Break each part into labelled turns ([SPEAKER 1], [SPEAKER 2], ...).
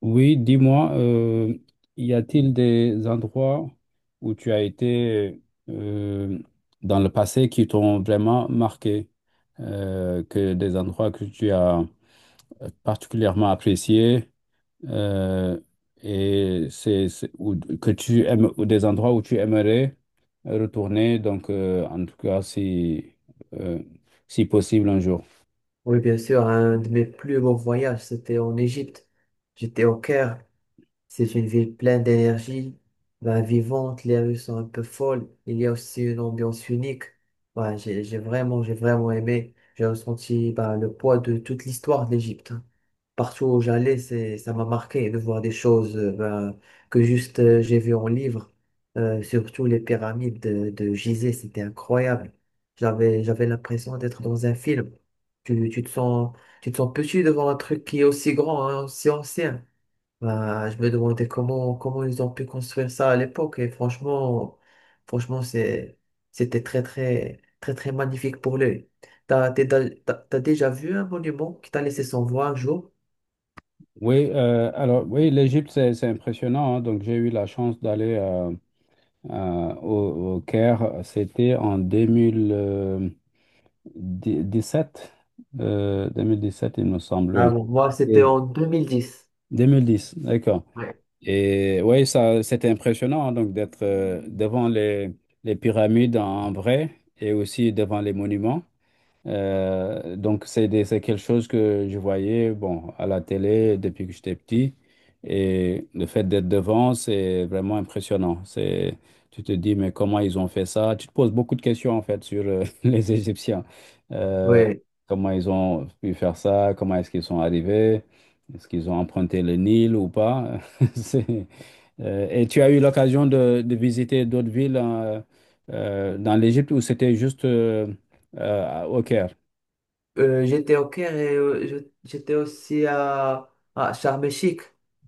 [SPEAKER 1] Oui, dis-moi, y a-t-il des endroits où tu as été euh, dans le passé qui t'ont vraiment marqué, que des endroits que tu as particulièrement appréciés euh, et ou que tu aimes, ou des endroits où tu aimerais retourner, donc en tout cas euh, si possible un jour.
[SPEAKER 2] Oui, bien sûr, un de mes plus beaux voyages, c'était en Égypte. J'étais au Caire, c'est une ville pleine d'énergie, vivante, les rues sont un peu folles, il y a aussi une ambiance unique. J'ai vraiment aimé. J'ai ressenti le poids de toute l'histoire de l'Égypte. Partout où j'allais, ça m'a marqué de voir des choses que juste j'ai vu en livre. Surtout les pyramides de Gizeh, c'était incroyable. J'avais l'impression d'être dans un film. Tu te sens, tu te sens petit devant un truc qui est aussi grand, hein, aussi ancien. Bah, je me demandais comment ils ont pu construire ça à l'époque. Franchement, c'était très, très, très, très magnifique pour l'œil. T'as, t'es da- t'as, T'as déjà vu un monument qui t'a laissé sans voix un jour?
[SPEAKER 1] Oui, alors oui, l'Égypte, c'est impressionnant, hein. Donc j'ai eu la chance d'aller au Caire. C'était en 2017, 2017, il me semble.
[SPEAKER 2] Ah
[SPEAKER 1] Oui.
[SPEAKER 2] bon? Moi, c'était
[SPEAKER 1] Et-
[SPEAKER 2] en deux mille dix.
[SPEAKER 1] 2010, d'accord.
[SPEAKER 2] Ouais.
[SPEAKER 1] Et oui, ça, c'était impressionnant, hein, donc d'être devant les pyramides en vrai et aussi devant les monuments. Donc, c'est quelque chose que je voyais, bon, à la télé depuis que j'étais petit. Et le fait d'être devant, c'est vraiment impressionnant. C'est, tu te dis, mais comment ils ont fait ça? Tu te poses beaucoup de questions, en fait, sur les Égyptiens. Euh,
[SPEAKER 2] Ouais.
[SPEAKER 1] Comment ils ont pu faire ça? Comment est-ce qu'ils sont arrivés? Est-ce qu'ils ont emprunté le Nil ou pas? C'est- et tu as eu l'occasion de visiter d'autres villes dans l'Égypte où c'était juste... au Caire.
[SPEAKER 2] J'étais au Caire et j'étais aussi à Sharm el-Sheikh.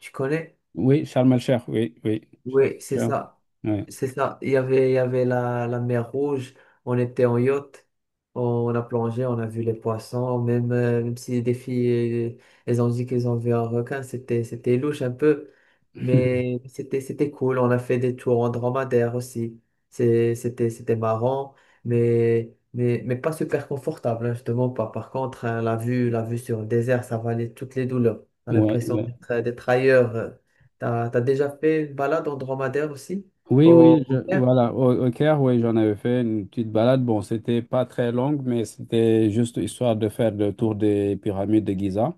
[SPEAKER 2] Tu connais?
[SPEAKER 1] Oui, Charles Malcher, oui, oui. Charles
[SPEAKER 2] Oui, c'est
[SPEAKER 1] Melcher,
[SPEAKER 2] ça.
[SPEAKER 1] ouais.
[SPEAKER 2] C'est ça. Il y avait la mer Rouge. On était en yacht. On a plongé, on a vu les poissons. Même, même si les filles, elles ont dit qu'elles ont vu un requin, c'était louche un peu. C'était cool. On a fait des tours en dromadaire aussi. C'était marrant, mais pas super confortable, hein, je pas. Par contre, hein, la vue sur le désert, ça valait toutes les douleurs. On a
[SPEAKER 1] Ouais,
[SPEAKER 2] l'impression
[SPEAKER 1] ouais.
[SPEAKER 2] d'être ailleurs. T'as déjà fait une balade en dromadaire aussi?
[SPEAKER 1] Oui, oui,
[SPEAKER 2] Au...
[SPEAKER 1] voilà, au Caire, oui, j'en avais fait une petite balade. Bon, c'était pas très longue, mais c'était juste histoire de faire le tour des pyramides de Gizeh.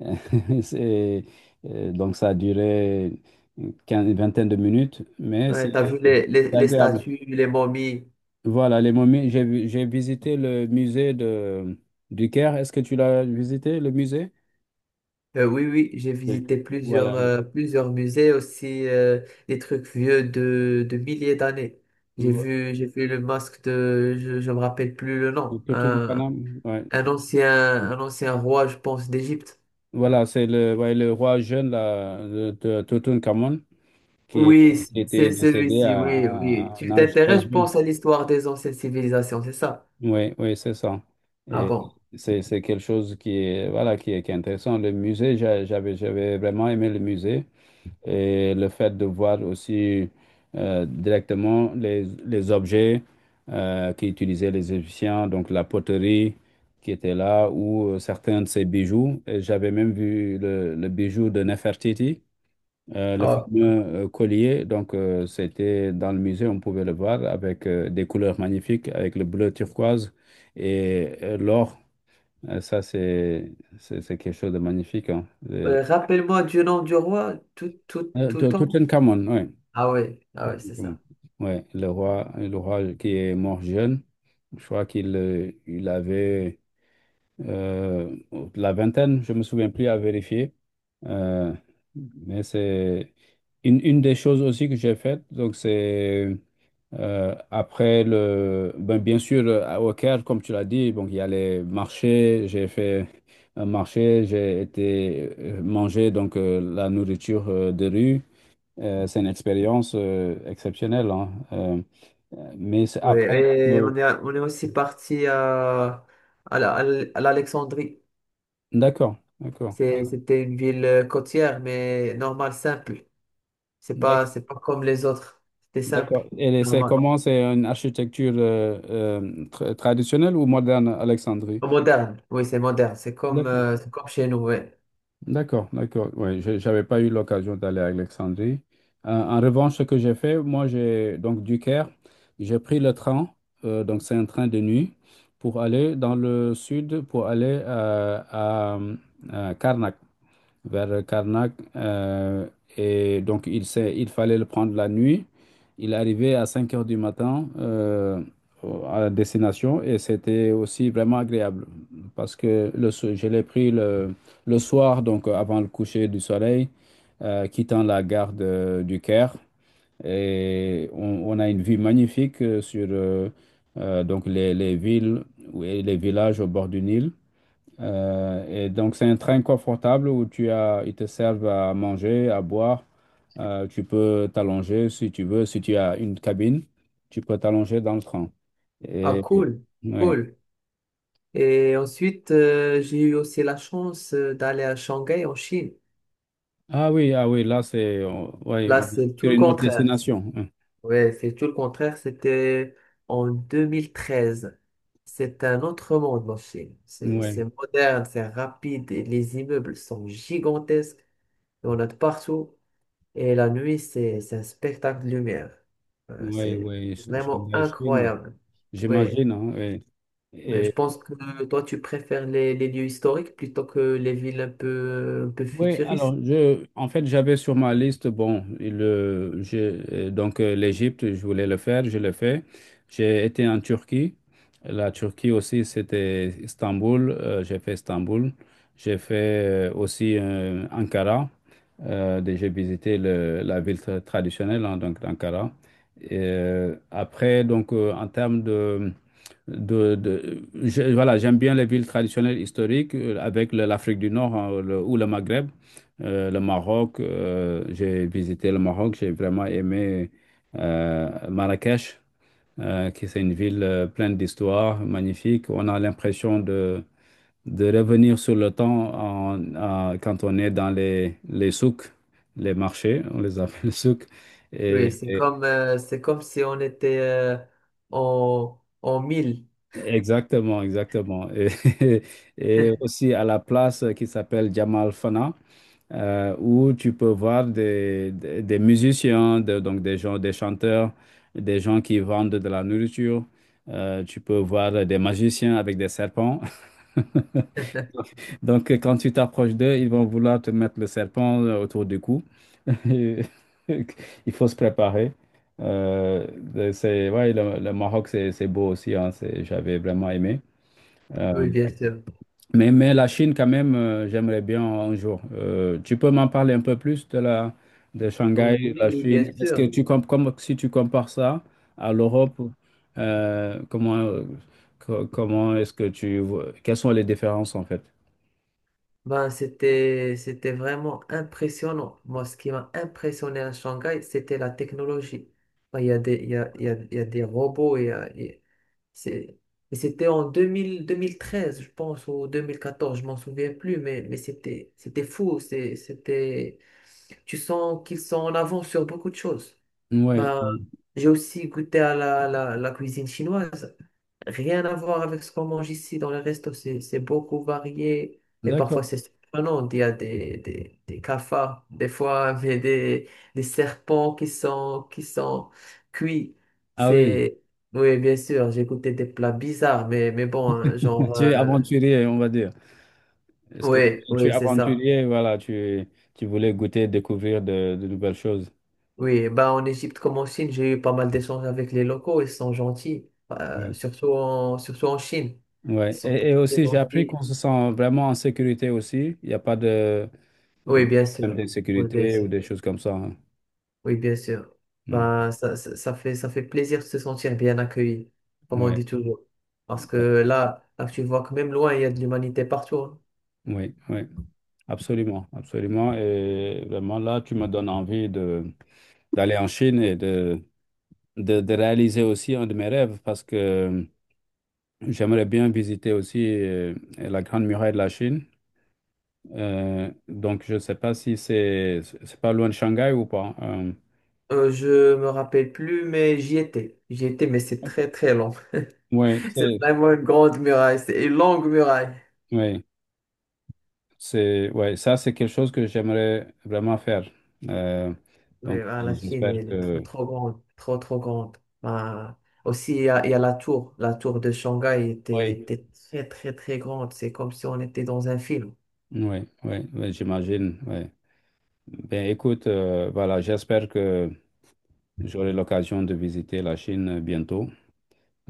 [SPEAKER 1] C'est, donc, ça a duré une vingtaine de minutes, mais c'est
[SPEAKER 2] Ouais, t'as vu
[SPEAKER 1] c'est
[SPEAKER 2] les, les
[SPEAKER 1] agréable.
[SPEAKER 2] statues, les momies.
[SPEAKER 1] Voilà, les momies, j'ai visité le musée de, du Caire. Est-ce que tu l'as visité, le musée?
[SPEAKER 2] Oui, oui, j'ai
[SPEAKER 1] Oui.
[SPEAKER 2] visité plusieurs,
[SPEAKER 1] Voilà.
[SPEAKER 2] plusieurs musées aussi, des trucs vieux de milliers d'années.
[SPEAKER 1] le-
[SPEAKER 2] J'ai vu le masque de, je me rappelle plus le nom,
[SPEAKER 1] Tutankhamon, ouais.
[SPEAKER 2] un ancien, un ancien roi, je pense, d'Égypte.
[SPEAKER 1] Voilà, c'est le, ouais, le roi jeune là, de Tutankhamon qui, est-
[SPEAKER 2] Oui,
[SPEAKER 1] qui était
[SPEAKER 2] c'est
[SPEAKER 1] décédé
[SPEAKER 2] celui-ci, oui, oui.
[SPEAKER 1] à un
[SPEAKER 2] Tu
[SPEAKER 1] âge très
[SPEAKER 2] t'intéresses, je
[SPEAKER 1] jeune.
[SPEAKER 2] pense, à l'histoire des anciennes civilisations, c'est ça?
[SPEAKER 1] Oui, oui, c'est ça.
[SPEAKER 2] Ah
[SPEAKER 1] Et
[SPEAKER 2] bon?
[SPEAKER 1] c'est quelque chose qui est, voilà, qui est intéressant. Le musée, j'avais, j'avais vraiment aimé le musée. Et le fait de voir aussi directement les objets qu'utilisaient les Égyptiens, donc la poterie qui était là ou certains de ces bijoux. Et j'avais même vu le bijou de Nefertiti, le
[SPEAKER 2] Ah,
[SPEAKER 1] fameux collier. Donc c'était dans le musée, on pouvait le voir avec des couleurs magnifiques, avec le bleu turquoise et l'or. Ça c'est quelque chose de magnifique, hein. Euh,
[SPEAKER 2] rappelle-moi du nom du roi tout, tout, tout temps.
[SPEAKER 1] Tutankhamon, oui.
[SPEAKER 2] Ah oui, ah oui, c'est
[SPEAKER 1] Exactement.
[SPEAKER 2] ça.
[SPEAKER 1] Ouais, le roi qui est mort jeune, je crois qu'il il avait euh, la vingtaine, je me souviens plus à vérifier. Euh, mais c'est une des choses aussi que j'ai faites. Donc, c'est après le. Ben, bien sûr, au Caire, comme tu l'as dit, donc, il y a les marchés. J'ai fait un marché, j'ai été manger donc, la nourriture de rue. C'est une expérience exceptionnelle, hein. Mais c'est après.
[SPEAKER 2] Ouais,
[SPEAKER 1] euh,
[SPEAKER 2] on est aussi parti à l'Alexandrie.
[SPEAKER 1] d'accord, d'accord.
[SPEAKER 2] C'était une ville côtière, mais normale, simple.
[SPEAKER 1] D'ac-
[SPEAKER 2] C'est pas comme les autres. C'était simple,
[SPEAKER 1] D'accord. Et c'est
[SPEAKER 2] normal.
[SPEAKER 1] comment? C'est une architecture traditionnelle ou moderne, Alexandrie?
[SPEAKER 2] Moderne, oui, c'est moderne.
[SPEAKER 1] D'accord,
[SPEAKER 2] C'est comme chez nous, ouais.
[SPEAKER 1] d'accord, d'accord. Oui, j'avais pas eu l'occasion d'aller à Alexandrie. En revanche, ce que j'ai fait, moi, j'ai donc du Caire, j'ai pris le train, donc c'est un train de nuit, pour aller dans le sud, pour aller à Karnak. Vers Karnak. Et donc, il fallait le prendre la nuit. Il arrivait à 5 heures du matin à destination et c'était aussi vraiment agréable parce que je l'ai pris le soir, donc avant le coucher du soleil, quittant la gare du Caire. Et on a une vue magnifique sur donc les villes et les villages au bord du Nil. Et donc, c'est un train confortable où ils te servent à manger, à boire. Tu peux t'allonger si tu veux. Si tu as une cabine, tu peux t'allonger dans le train.
[SPEAKER 2] Ah,
[SPEAKER 1] Et, et-
[SPEAKER 2] cool,
[SPEAKER 1] ouais.
[SPEAKER 2] cool. Et ensuite, j'ai eu aussi la chance d'aller à Shanghai, en Chine.
[SPEAKER 1] Ah oui, ah oui, là, ouais,
[SPEAKER 2] Là,
[SPEAKER 1] on est
[SPEAKER 2] c'est tout
[SPEAKER 1] sur
[SPEAKER 2] le
[SPEAKER 1] une autre
[SPEAKER 2] contraire.
[SPEAKER 1] destination.
[SPEAKER 2] Ouais, c'est tout le contraire. C'était en 2013. C'est un autre monde, la Chine.
[SPEAKER 1] Oui,
[SPEAKER 2] C'est moderne, c'est rapide, et les immeubles sont gigantesques. Il y en a de partout. Et la nuit, c'est un spectacle de lumière.
[SPEAKER 1] oui,
[SPEAKER 2] C'est
[SPEAKER 1] oui.
[SPEAKER 2] vraiment
[SPEAKER 1] Shanghai, Chine,
[SPEAKER 2] incroyable. Oui,
[SPEAKER 1] j'imagine, hein, ouais.
[SPEAKER 2] mais
[SPEAKER 1] Et
[SPEAKER 2] je pense que toi, tu préfères les lieux historiques plutôt que les villes un peu
[SPEAKER 1] oui, alors
[SPEAKER 2] futuristes.
[SPEAKER 1] en fait, j'avais sur ma liste, bon, le, je, donc l'Égypte, je voulais le faire, je l'ai fait. J'ai été en Turquie. La Turquie aussi, c'était Istanbul. J'ai fait Istanbul. J'ai fait aussi Ankara. J'ai visité la ville traditionnelle, hein, donc d'Ankara. Après, donc en termes de voilà, j'aime bien les villes traditionnelles historiques avec l'Afrique du Nord, hein, ou le Maghreb, le Maroc. J'ai visité le Maroc, j'ai vraiment aimé Marrakech, qui c'est une ville pleine d'histoire, magnifique. On a l'impression de revenir sur le temps quand on est dans les souks, les marchés, on les appelle souks.
[SPEAKER 2] Oui, c'est comme si on était en mille.
[SPEAKER 1] Exactement, exactement. Et- aussi à la place qui s'appelle Jamal Fana, où tu peux voir des musiciens, donc des gens, des chanteurs, des gens qui vendent de la nourriture. Tu peux voir des magiciens avec des serpents. Donc quand tu t'approches d'eux, ils vont vouloir te mettre le serpent autour du cou. Et il faut se préparer. Euh, c'est, ouais, le Maroc, c'est beau aussi, hein, j'avais vraiment aimé. Euh,
[SPEAKER 2] Oui, bien sûr.
[SPEAKER 1] mais la Chine, quand même, j'aimerais bien un jour. Tu peux m'en parler un peu plus de la de Shanghai, de
[SPEAKER 2] Oui,
[SPEAKER 1] la
[SPEAKER 2] oui, bien
[SPEAKER 1] Chine. Est-ce que
[SPEAKER 2] sûr.
[SPEAKER 1] comme si tu compares ça à l'Europe, euh, comment euh, comment est-ce que tu vois, quelles sont les différences en fait?
[SPEAKER 2] C'était vraiment impressionnant. Moi, ce qui m'a impressionné à Shanghai, c'était la technologie. Ben, il y a des, il y a, il y a- il y a des robots. Il y a- c'est- et c'était en 2000, 2013, je pense, ou 2014, je m'en souviens plus, mais c'était, c'était Tu sens qu'ils sont en avance sur beaucoup de choses.
[SPEAKER 1] Oui,
[SPEAKER 2] Ben, j'ai aussi goûté à la, la cuisine chinoise. Rien à voir avec ce qu'on mange ici dans le resto, c'est beaucoup varié et
[SPEAKER 1] d'accord.
[SPEAKER 2] parfois c'est surprenant. Il y a des, des cafards, des fois, des serpents qui sont cuits.
[SPEAKER 1] Ah oui,
[SPEAKER 2] C'est, oui, bien sûr, j'ai goûté des plats bizarres, mais bon, hein, genre,
[SPEAKER 1] tu es aventurier, on va dire. Est-ce que
[SPEAKER 2] oui,
[SPEAKER 1] tu es
[SPEAKER 2] oui, c'est ça.
[SPEAKER 1] aventurier, voilà, tu voulais goûter, découvrir de nouvelles choses.
[SPEAKER 2] Oui, bah en Égypte comme en Chine, j'ai eu pas mal d'échanges avec les locaux, ils sont gentils,
[SPEAKER 1] Oui.
[SPEAKER 2] surtout en Chine. Ils
[SPEAKER 1] Ouais.
[SPEAKER 2] sont très,
[SPEAKER 1] Et
[SPEAKER 2] très
[SPEAKER 1] aussi, j'ai appris
[SPEAKER 2] gentils.
[SPEAKER 1] qu'on se sent vraiment en sécurité aussi. Il n'y a pas de, euh,
[SPEAKER 2] Oui, bien sûr,
[SPEAKER 1] problèmes
[SPEAKER 2] oui, bien
[SPEAKER 1] de ou
[SPEAKER 2] sûr.
[SPEAKER 1] des choses comme ça, hein.
[SPEAKER 2] Oui, bien sûr.
[SPEAKER 1] Hmm.
[SPEAKER 2] Ben, ça fait plaisir de se sentir bien accueilli, comme on
[SPEAKER 1] Ouais,
[SPEAKER 2] dit toujours. Parce que
[SPEAKER 1] ouais,
[SPEAKER 2] là, tu vois que même loin, il y a de l'humanité partout. Hein.
[SPEAKER 1] oui, oui, absolument, absolument. Et vraiment, là, tu me donnes envie de d'aller en Chine et de réaliser aussi un de mes rêves parce que j'aimerais bien visiter aussi la Grande Muraille de la Chine. Donc, je ne sais pas si c'est pas loin de Shanghai ou pas, hein.
[SPEAKER 2] Je me rappelle plus, mais j'y étais. J'y étais, mais c'est
[SPEAKER 1] Euh,
[SPEAKER 2] très très long.
[SPEAKER 1] oui,
[SPEAKER 2] C'est
[SPEAKER 1] c'est,
[SPEAKER 2] vraiment une grande muraille, c'est une longue muraille.
[SPEAKER 1] ouais. C'est, ouais, ça, c'est quelque chose que j'aimerais vraiment faire. Euh,
[SPEAKER 2] Mais
[SPEAKER 1] donc,
[SPEAKER 2] ben, la Chine,
[SPEAKER 1] j'espère
[SPEAKER 2] elle est
[SPEAKER 1] que...
[SPEAKER 2] trop trop grande, trop trop grande. Ben, aussi, il y a la tour.
[SPEAKER 1] Oui,
[SPEAKER 2] Était très très très grande. C'est comme si on était dans un film.
[SPEAKER 1] oui, oui, oui, j'imagine. Oui. Ben, écoute, voilà, j'espère que j'aurai l'occasion de visiter la Chine bientôt.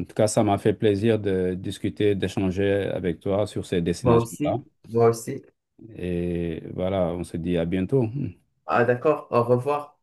[SPEAKER 1] En tout cas, ça m'a fait plaisir de discuter, d'échanger avec toi sur ces
[SPEAKER 2] Moi
[SPEAKER 1] destinations-là.
[SPEAKER 2] aussi, moi aussi.
[SPEAKER 1] Et voilà, on se dit à bientôt.
[SPEAKER 2] Ah d'accord, au revoir.